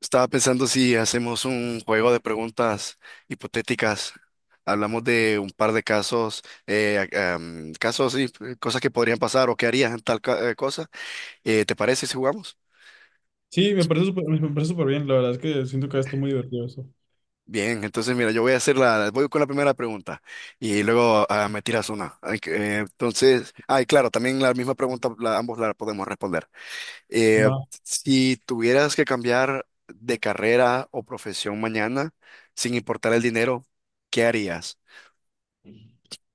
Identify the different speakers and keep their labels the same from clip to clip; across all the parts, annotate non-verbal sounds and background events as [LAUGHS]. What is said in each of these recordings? Speaker 1: Estaba pensando si hacemos un juego de preguntas hipotéticas. Hablamos de un par de casos, casos y cosas que podrían pasar o que harías en tal cosa. ¿te parece si jugamos?
Speaker 2: Sí, me parece súper bien. La verdad es que siento que está muy divertido eso.
Speaker 1: Bien, entonces mira, yo voy a hacer voy con la primera pregunta y luego me tiras una. Ay, que, entonces, ay, claro, también la misma pregunta, ambos la podemos responder. Eh,
Speaker 2: Va.
Speaker 1: si tuvieras que cambiar de carrera o profesión mañana, sin importar el dinero, ¿qué harías?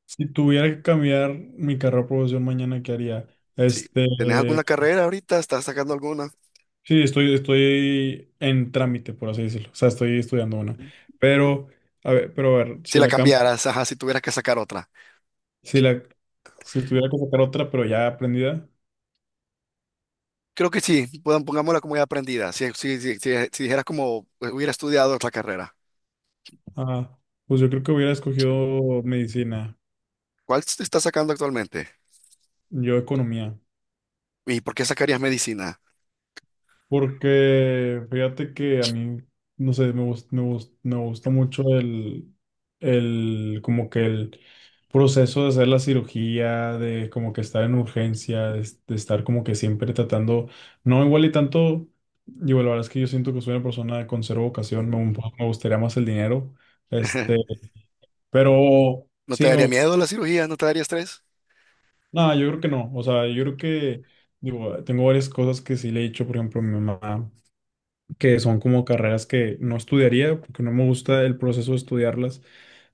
Speaker 2: Si tuviera que cambiar mi carrera profesión mañana, ¿qué haría?
Speaker 1: Sí.
Speaker 2: Este,
Speaker 1: ¿Tenés alguna carrera ahorita? ¿Estás sacando alguna?
Speaker 2: sí, estoy en trámite, por así decirlo. O sea, estoy estudiando una. Pero, pero a ver,
Speaker 1: Si
Speaker 2: si
Speaker 1: la
Speaker 2: la cambio,
Speaker 1: cambiaras, ajá, si tuvieras que sacar otra.
Speaker 2: si la, si tuviera que sacar otra, pero ya aprendida,
Speaker 1: Creo que sí, pongámosla como ya aprendida. Si dijeras como hubiera estudiado otra carrera,
Speaker 2: ah, pues yo creo que hubiera escogido medicina,
Speaker 1: ¿cuál te estás sacando actualmente?
Speaker 2: yo economía.
Speaker 1: ¿Y por qué sacarías medicina?
Speaker 2: Porque fíjate que a mí, no sé, me gusta mucho el, como que el proceso de hacer la cirugía, de como que estar en urgencia, de estar como que siempre tratando, no igual y tanto, digo, la verdad es que yo siento que soy una persona con cero vocación,
Speaker 1: Ujú.
Speaker 2: me gustaría más el dinero, este,
Speaker 1: [LAUGHS]
Speaker 2: pero
Speaker 1: ¿No te
Speaker 2: sí,
Speaker 1: daría miedo la cirugía? ¿No te daría estrés?
Speaker 2: no, yo creo que no, o sea, yo creo que, digo, tengo varias cosas que sí le he dicho, por ejemplo, a mi mamá, que son como carreras que no estudiaría porque no me gusta el proceso de estudiarlas,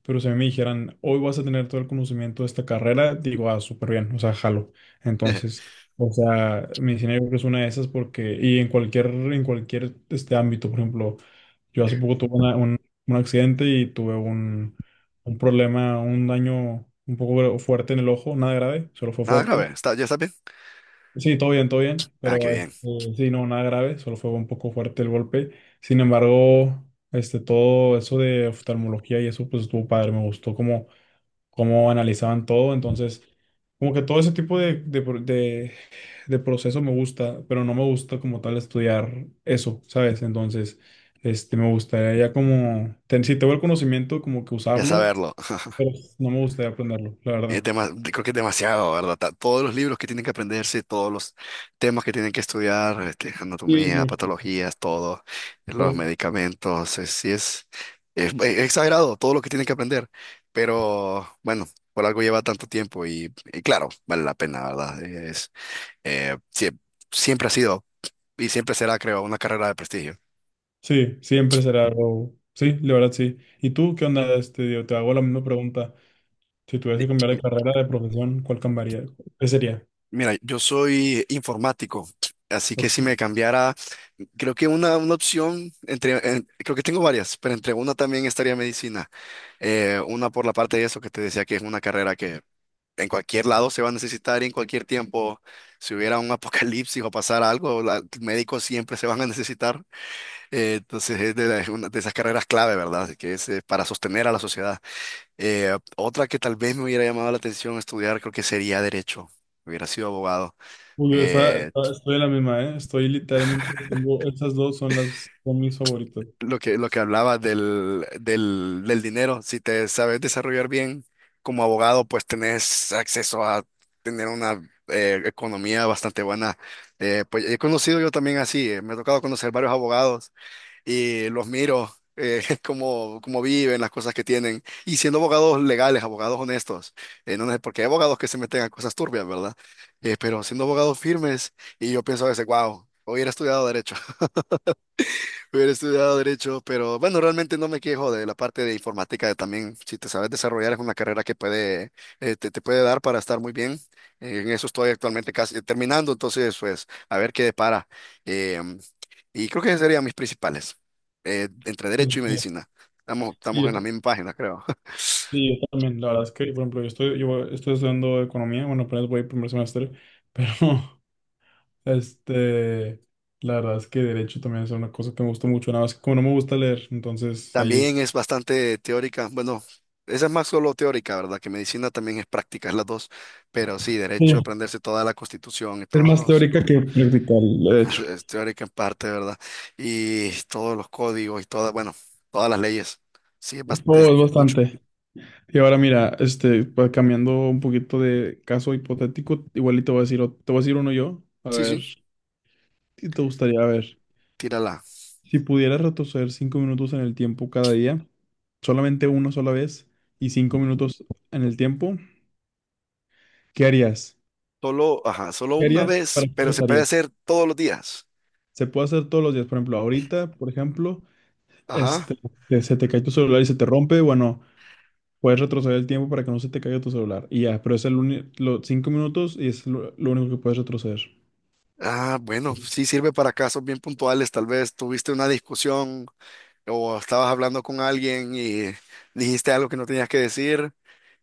Speaker 2: pero si a mí me dijeran, hoy vas a tener todo el conocimiento de esta carrera, digo, ah, súper bien, o sea, jalo. Entonces,
Speaker 1: [LAUGHS]
Speaker 2: o sea, medicina yo creo que es una de esas porque, y en cualquier ámbito, por ejemplo, yo hace poco tuve un accidente y tuve un problema, un daño un poco fuerte en el ojo, nada grave, solo fue
Speaker 1: Nada grave,
Speaker 2: fuerte.
Speaker 1: ¿está, ya está bien?
Speaker 2: Sí, todo bien,
Speaker 1: Ah, qué
Speaker 2: pero
Speaker 1: bien,
Speaker 2: sí, no, nada grave, solo fue un poco fuerte el golpe. Sin embargo, todo eso de oftalmología y eso, pues estuvo padre, me gustó cómo analizaban todo, entonces, como que todo ese tipo de proceso me gusta, pero no me gusta como tal estudiar eso, ¿sabes? Entonces, me gustaría ya como, ten- si tengo el conocimiento, como que
Speaker 1: ya
Speaker 2: usarlo,
Speaker 1: saberlo.
Speaker 2: pero no me gustaría aprenderlo, la verdad.
Speaker 1: Creo que es demasiado, ¿verdad? Todos los libros que tienen que aprenderse, todos los temas que tienen que estudiar, este,
Speaker 2: Sí, es
Speaker 1: anatomía,
Speaker 2: mucho.
Speaker 1: patologías, todo, los medicamentos, sí es, es exagerado todo lo que tienen que aprender, pero bueno, por algo lleva tanto tiempo y claro, vale la pena, ¿verdad? Es, eh, sie- siempre ha sido y siempre será, creo, una carrera de prestigio.
Speaker 2: Sí, siempre será Row. Sí, la verdad sí. ¿Y tú qué onda? Digo, te hago la misma pregunta. Si tuvieras que cambiar de carrera, de profesión, ¿cuál cambiaría? ¿Qué sería?
Speaker 1: Mira, yo soy informático, así que si
Speaker 2: Porque,
Speaker 1: me cambiara, creo que una opción, creo que tengo varias, pero entre una también estaría medicina. Una por la parte de eso que te decía que es una carrera que en cualquier lado se va a necesitar y en cualquier tiempo, si hubiera un [LAUGHS] apocalipsis o pasara algo, médicos siempre se van a necesitar. Entonces es es una de esas carreras clave, ¿verdad? Así que es para sostener a la sociedad. Otra que tal vez me hubiera llamado la atención estudiar, creo que sería derecho. Hubiera sido abogado.
Speaker 2: uy, yo
Speaker 1: Eh,
Speaker 2: estoy en la misma, ¿eh? Estoy literalmente, tengo- estas dos son las, son mis favoritas.
Speaker 1: lo que hablaba del dinero, si te sabes desarrollar bien como abogado, pues tenés acceso a tener una economía bastante buena. Pues he conocido yo también así, me ha tocado conocer varios abogados y los miro. [LAUGHS] Cómo viven, las cosas que tienen, y siendo abogados legales, abogados honestos, no, no, porque hay abogados que se meten a cosas turbias, ¿verdad? Pero siendo abogados firmes, y yo pienso a veces, wow, hoy hubiera estudiado derecho. Hubiera estudiado derecho, pero bueno, realmente no me quejo de la parte de informática. También, si te sabes desarrollar, es una carrera que puede, te puede dar para estar muy bien. En eso estoy actualmente casi terminando, entonces, pues, a ver qué depara. Em, y creo que esas serían mis principales, entre derecho
Speaker 2: Sí,
Speaker 1: y medicina.
Speaker 2: sí,
Speaker 1: Estamos en la misma página, creo. [LAUGHS]
Speaker 2: sí, yo también. La verdad es que, por ejemplo, yo estoy estudiando economía, bueno, apenas voy primer semestre, pero, [LAUGHS] este, la verdad es que derecho también es una cosa que me gusta mucho, nada más que como no me gusta leer, entonces ahí es.
Speaker 1: También es bastante teórica. Bueno, esa es más solo teórica, ¿verdad? Que medicina también es práctica, es las dos. Pero sí, derecho, aprenderse toda la constitución y
Speaker 2: Es
Speaker 1: todos
Speaker 2: más
Speaker 1: los
Speaker 2: teórica que practical, de hecho.
Speaker 1: [LAUGHS] teórica en parte, ¿verdad? Y todos los códigos y todas, bueno, todas las leyes. Sí, es
Speaker 2: Oh,
Speaker 1: bastante,
Speaker 2: es
Speaker 1: mucho.
Speaker 2: bastante. Y ahora mira, pa- cambiando un poquito de caso hipotético, igual y te voy a decir, ot- te voy a decir uno yo. A
Speaker 1: Sí,
Speaker 2: ver,
Speaker 1: sí,
Speaker 2: si te gustaría, a ver,
Speaker 1: tírala.
Speaker 2: si pudieras retroceder 5 minutos en el tiempo cada día, solamente una sola vez y 5 minutos en el tiempo, ¿qué harías?
Speaker 1: Solo, ajá, solo
Speaker 2: ¿Qué
Speaker 1: una
Speaker 2: harías? ¿Para
Speaker 1: vez,
Speaker 2: qué lo
Speaker 1: pero se puede
Speaker 2: usarías?
Speaker 1: hacer todos los días.
Speaker 2: Se puede hacer todos los días, por ejemplo, ahorita, por ejemplo,
Speaker 1: Ajá.
Speaker 2: este, que se te cae tu celular y se te rompe, bueno. Puedes retroceder el tiempo para que no se te caiga tu celular. Y ya, pero es el uni- los 5 minutos y es lo único que puedes retroceder.
Speaker 1: Ah, bueno, sí sirve para casos bien puntuales. Tal vez tuviste una discusión, o estabas hablando con alguien y dijiste algo que no tenías que decir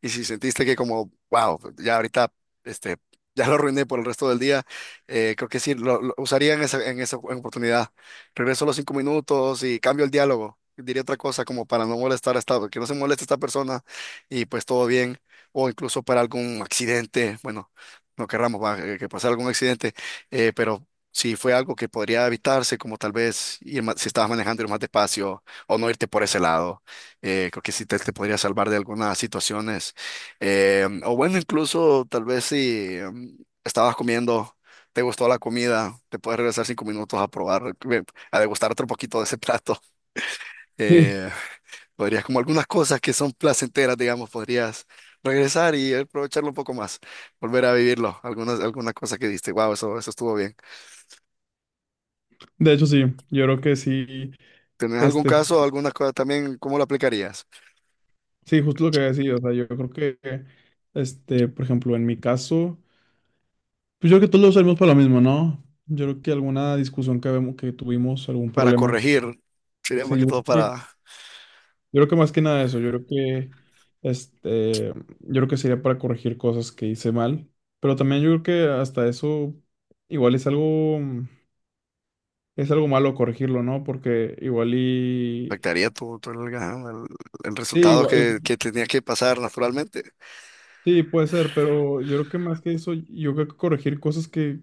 Speaker 1: y si sentiste que como, wow, ya ahorita, este, [LAUGHS] ya lo arruiné por el resto del día, creo que sí, lo usaría en en esa oportunidad. Regreso los 5 minutos y cambio el diálogo. Diría otra cosa como para no molestar a que no se moleste esta persona y pues todo bien, o incluso para algún accidente, bueno, no querramos va, que pase algún accidente, pero si fue algo que podría evitarse, como tal vez si estabas manejando ir más despacio o no irte por ese lado. Creo que sí te podría salvar de algunas situaciones. O bueno, incluso tal vez si em, estabas comiendo, te gustó la comida, te puedes regresar 5 minutos a probar, a degustar otro poquito de ese plato. [LAUGHS]
Speaker 2: [LAUGHS] Sí.
Speaker 1: Eh, podrías, como algunas cosas que son placenteras, digamos, podrías regresar y aprovecharlo un poco más, volver a vivirlo, algunas, alguna cosa que diste, wow, eso estuvo bien.
Speaker 2: De hecho, sí, yo creo que sí,
Speaker 1: ¿Tenés algún
Speaker 2: este,
Speaker 1: caso o alguna cosa también? ¿Cómo lo aplicarías?
Speaker 2: sí, justo lo que había decidido, o sea, yo creo que, por ejemplo, en mi caso, pues yo creo que todos lo usamos para lo mismo, ¿no? Yo creo que alguna discusión que, habemos- que tuvimos, algún
Speaker 1: Para
Speaker 2: problema,
Speaker 1: corregir, sería más
Speaker 2: sí,
Speaker 1: que todo
Speaker 2: yo
Speaker 1: para...
Speaker 2: creo que más que nada eso, yo creo que, este, yo creo que sería para corregir cosas que hice mal, pero también yo creo que hasta eso igual es algo malo corregirlo, ¿no? Porque igual y...
Speaker 1: Afectaría el
Speaker 2: Sí,
Speaker 1: resultado
Speaker 2: igual- igual-
Speaker 1: que tenía que pasar naturalmente.
Speaker 2: sí, puede ser, pero yo creo que más que eso, yo creo que corregir cosas que...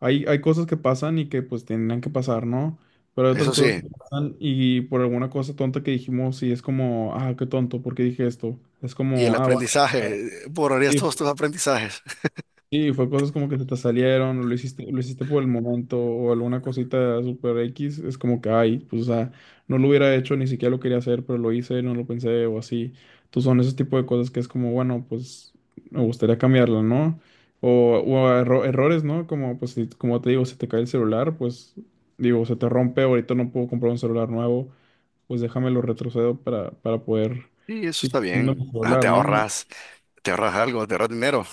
Speaker 2: Hay cosas que pasan y que pues tendrían que pasar, ¿no? Pero hay otras
Speaker 1: Eso
Speaker 2: cosas
Speaker 1: sí.
Speaker 2: que pasan y por alguna cosa tonta que dijimos, sí, es como, ah, qué tonto, ¿por qué dije esto? Es
Speaker 1: Y el
Speaker 2: como, ah, bueno,
Speaker 1: aprendizaje, borrarías todos tus aprendizajes. [LAUGHS]
Speaker 2: sí, fue cosas como que se te salieron, o lo hiciste por el momento, o alguna cosita super X, es como que, ay, pues, o sea, no lo hubiera hecho, ni siquiera lo quería hacer, pero lo hice, no lo pensé, o así. Entonces son esos tipos de cosas que es como, bueno, pues, me gustaría cambiarla, ¿no? O erro- errores, ¿no? Como, pues, si- como te digo, se te cae el celular, pues, digo, se te rompe, ahorita no puedo comprar un celular nuevo, pues déjamelo retrocedo para poder,
Speaker 1: Y eso
Speaker 2: sí,
Speaker 1: está
Speaker 2: tener
Speaker 1: bien.
Speaker 2: un
Speaker 1: Ah,
Speaker 2: celular, ¿no?
Speaker 1: te ahorras algo, te ahorras dinero.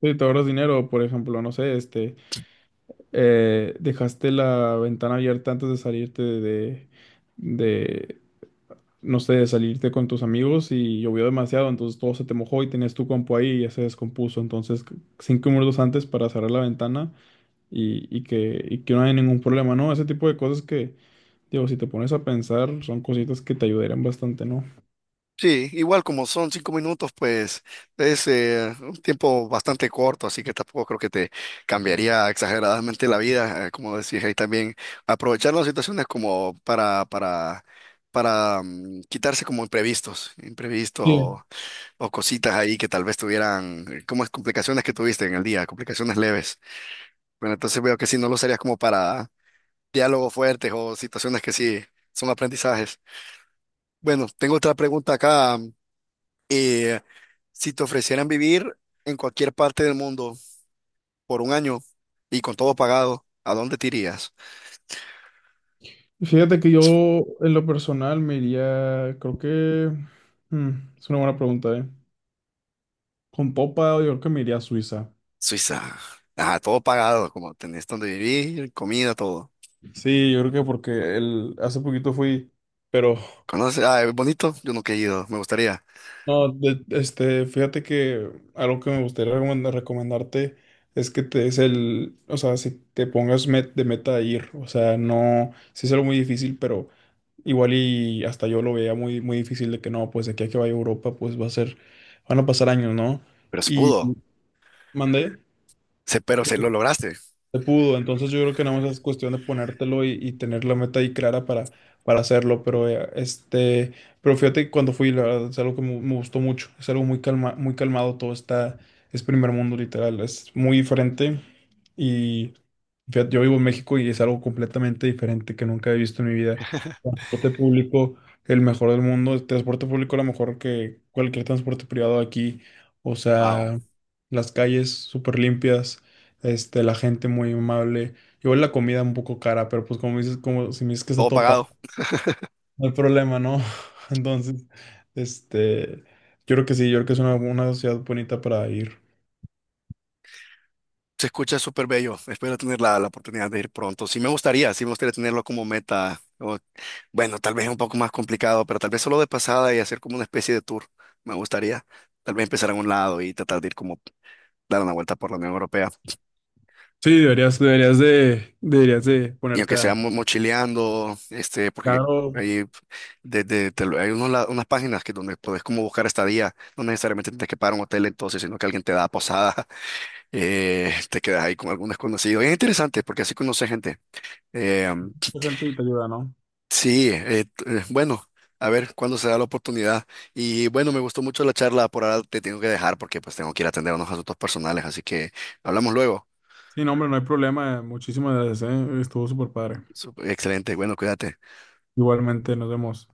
Speaker 2: Sí, te ahorras dinero, por ejemplo, no sé, este... dejaste la ventana abierta antes de salirte de, no sé, de salirte con tus amigos y llovió demasiado, entonces todo se te mojó y tenías tu compu ahí y ya se descompuso. Entonces, c- 5 minutos antes para cerrar la ventana y que no haya ningún problema, ¿no? Ese tipo de cosas que, digo, si te pones a pensar, son cositas que te ayudarían bastante, ¿no?
Speaker 1: Sí, igual como son 5 minutos, pues es un tiempo bastante corto, así que tampoco creo que te cambiaría exageradamente la vida, como decís ahí también, aprovechar las situaciones como para quitarse como imprevistos, imprevistos
Speaker 2: Sí.
Speaker 1: o cositas ahí que tal vez tuvieran, como es complicaciones que tuviste en el día, complicaciones leves. Bueno, entonces veo que sí, no lo usarías como para diálogos fuertes o situaciones que sí son aprendizajes. Bueno, tengo otra pregunta acá. Eh, si te ofrecieran vivir en cualquier parte del mundo por un año y con todo pagado, ¿a dónde te irías?
Speaker 2: Fíjate que yo, en lo personal, me iría, creo que, mm, es una buena pregunta, ¿eh? Con popa, yo creo que me iría a Suiza.
Speaker 1: Suiza. Ah, todo pagado, como tenés donde vivir, comida, todo.
Speaker 2: Sí, yo creo que porque el, hace poquito fui, pero
Speaker 1: ¿Conoces? Ah, es bonito. Yo nunca he ido, me gustaría.
Speaker 2: no, de- fíjate que algo que me gustaría recomendarte es que te des el, o sea, si te pongas met- de meta a ir, o sea, no, sí es algo muy difícil, pero igual y hasta yo lo veía muy, muy difícil de que no, pues de aquí a que vaya a Europa, pues va a ser, van a pasar años, ¿no?
Speaker 1: Pero se
Speaker 2: Y
Speaker 1: pudo.
Speaker 2: mandé.
Speaker 1: Se, pero se lo lograste.
Speaker 2: Se pudo, entonces yo creo que nada más es cuestión de ponértelo y tener la meta ahí clara para hacerlo, pero pero fíjate que cuando fui, la verdad, es algo que me gustó mucho, es algo muy calma, muy calmado, todo está, es primer mundo literal, es muy diferente y fíjate, yo vivo en México y es algo completamente diferente que nunca he visto en mi vida. Transporte público, el mejor del mundo, el transporte público a lo mejor que cualquier transporte privado aquí, o
Speaker 1: Wow.
Speaker 2: sea, las calles súper limpias, la gente muy amable. Igual la comida un poco cara, pero pues como dices, como si me dices que está
Speaker 1: Todo
Speaker 2: topa,
Speaker 1: pagado.
Speaker 2: no hay problema, ¿no? [LAUGHS] Entonces, este, yo creo que sí, yo creo que es una ciudad bonita para ir.
Speaker 1: Se escucha súper bello. Espero tener la oportunidad de ir pronto. Sí me gustaría tenerlo como meta. O- bueno, tal vez un poco más complicado, pero tal vez solo de pasada y hacer como una especie de tour. Me gustaría. Tal vez empezar en un lado y tratar de ir como dar una vuelta por la Unión Europea.
Speaker 2: Sí, deberías, deberías de
Speaker 1: Y
Speaker 2: ponerte
Speaker 1: aunque sea
Speaker 2: a...
Speaker 1: mochileando, este, porque
Speaker 2: Claro,
Speaker 1: hay, hay unas páginas que donde puedes como buscar estadía, no necesariamente tienes que pagar un hotel entonces, sino que alguien te da posada, [LAUGHS] te quedas ahí con algún desconocido. Y es interesante porque así conoces gente. Eh,
Speaker 2: mucha gente te ayuda, ¿no?
Speaker 1: bueno. A ver cuándo se da la oportunidad. Y bueno, me gustó mucho la charla. Por ahora te tengo que dejar porque pues tengo que ir a atender unos asuntos personales. Así que hablamos luego.
Speaker 2: Sí, no, hombre, no hay problema. Muchísimas gracias, ¿eh? Estuvo súper padre.
Speaker 1: Excelente. Bueno, cuídate.
Speaker 2: Igualmente, nos vemos.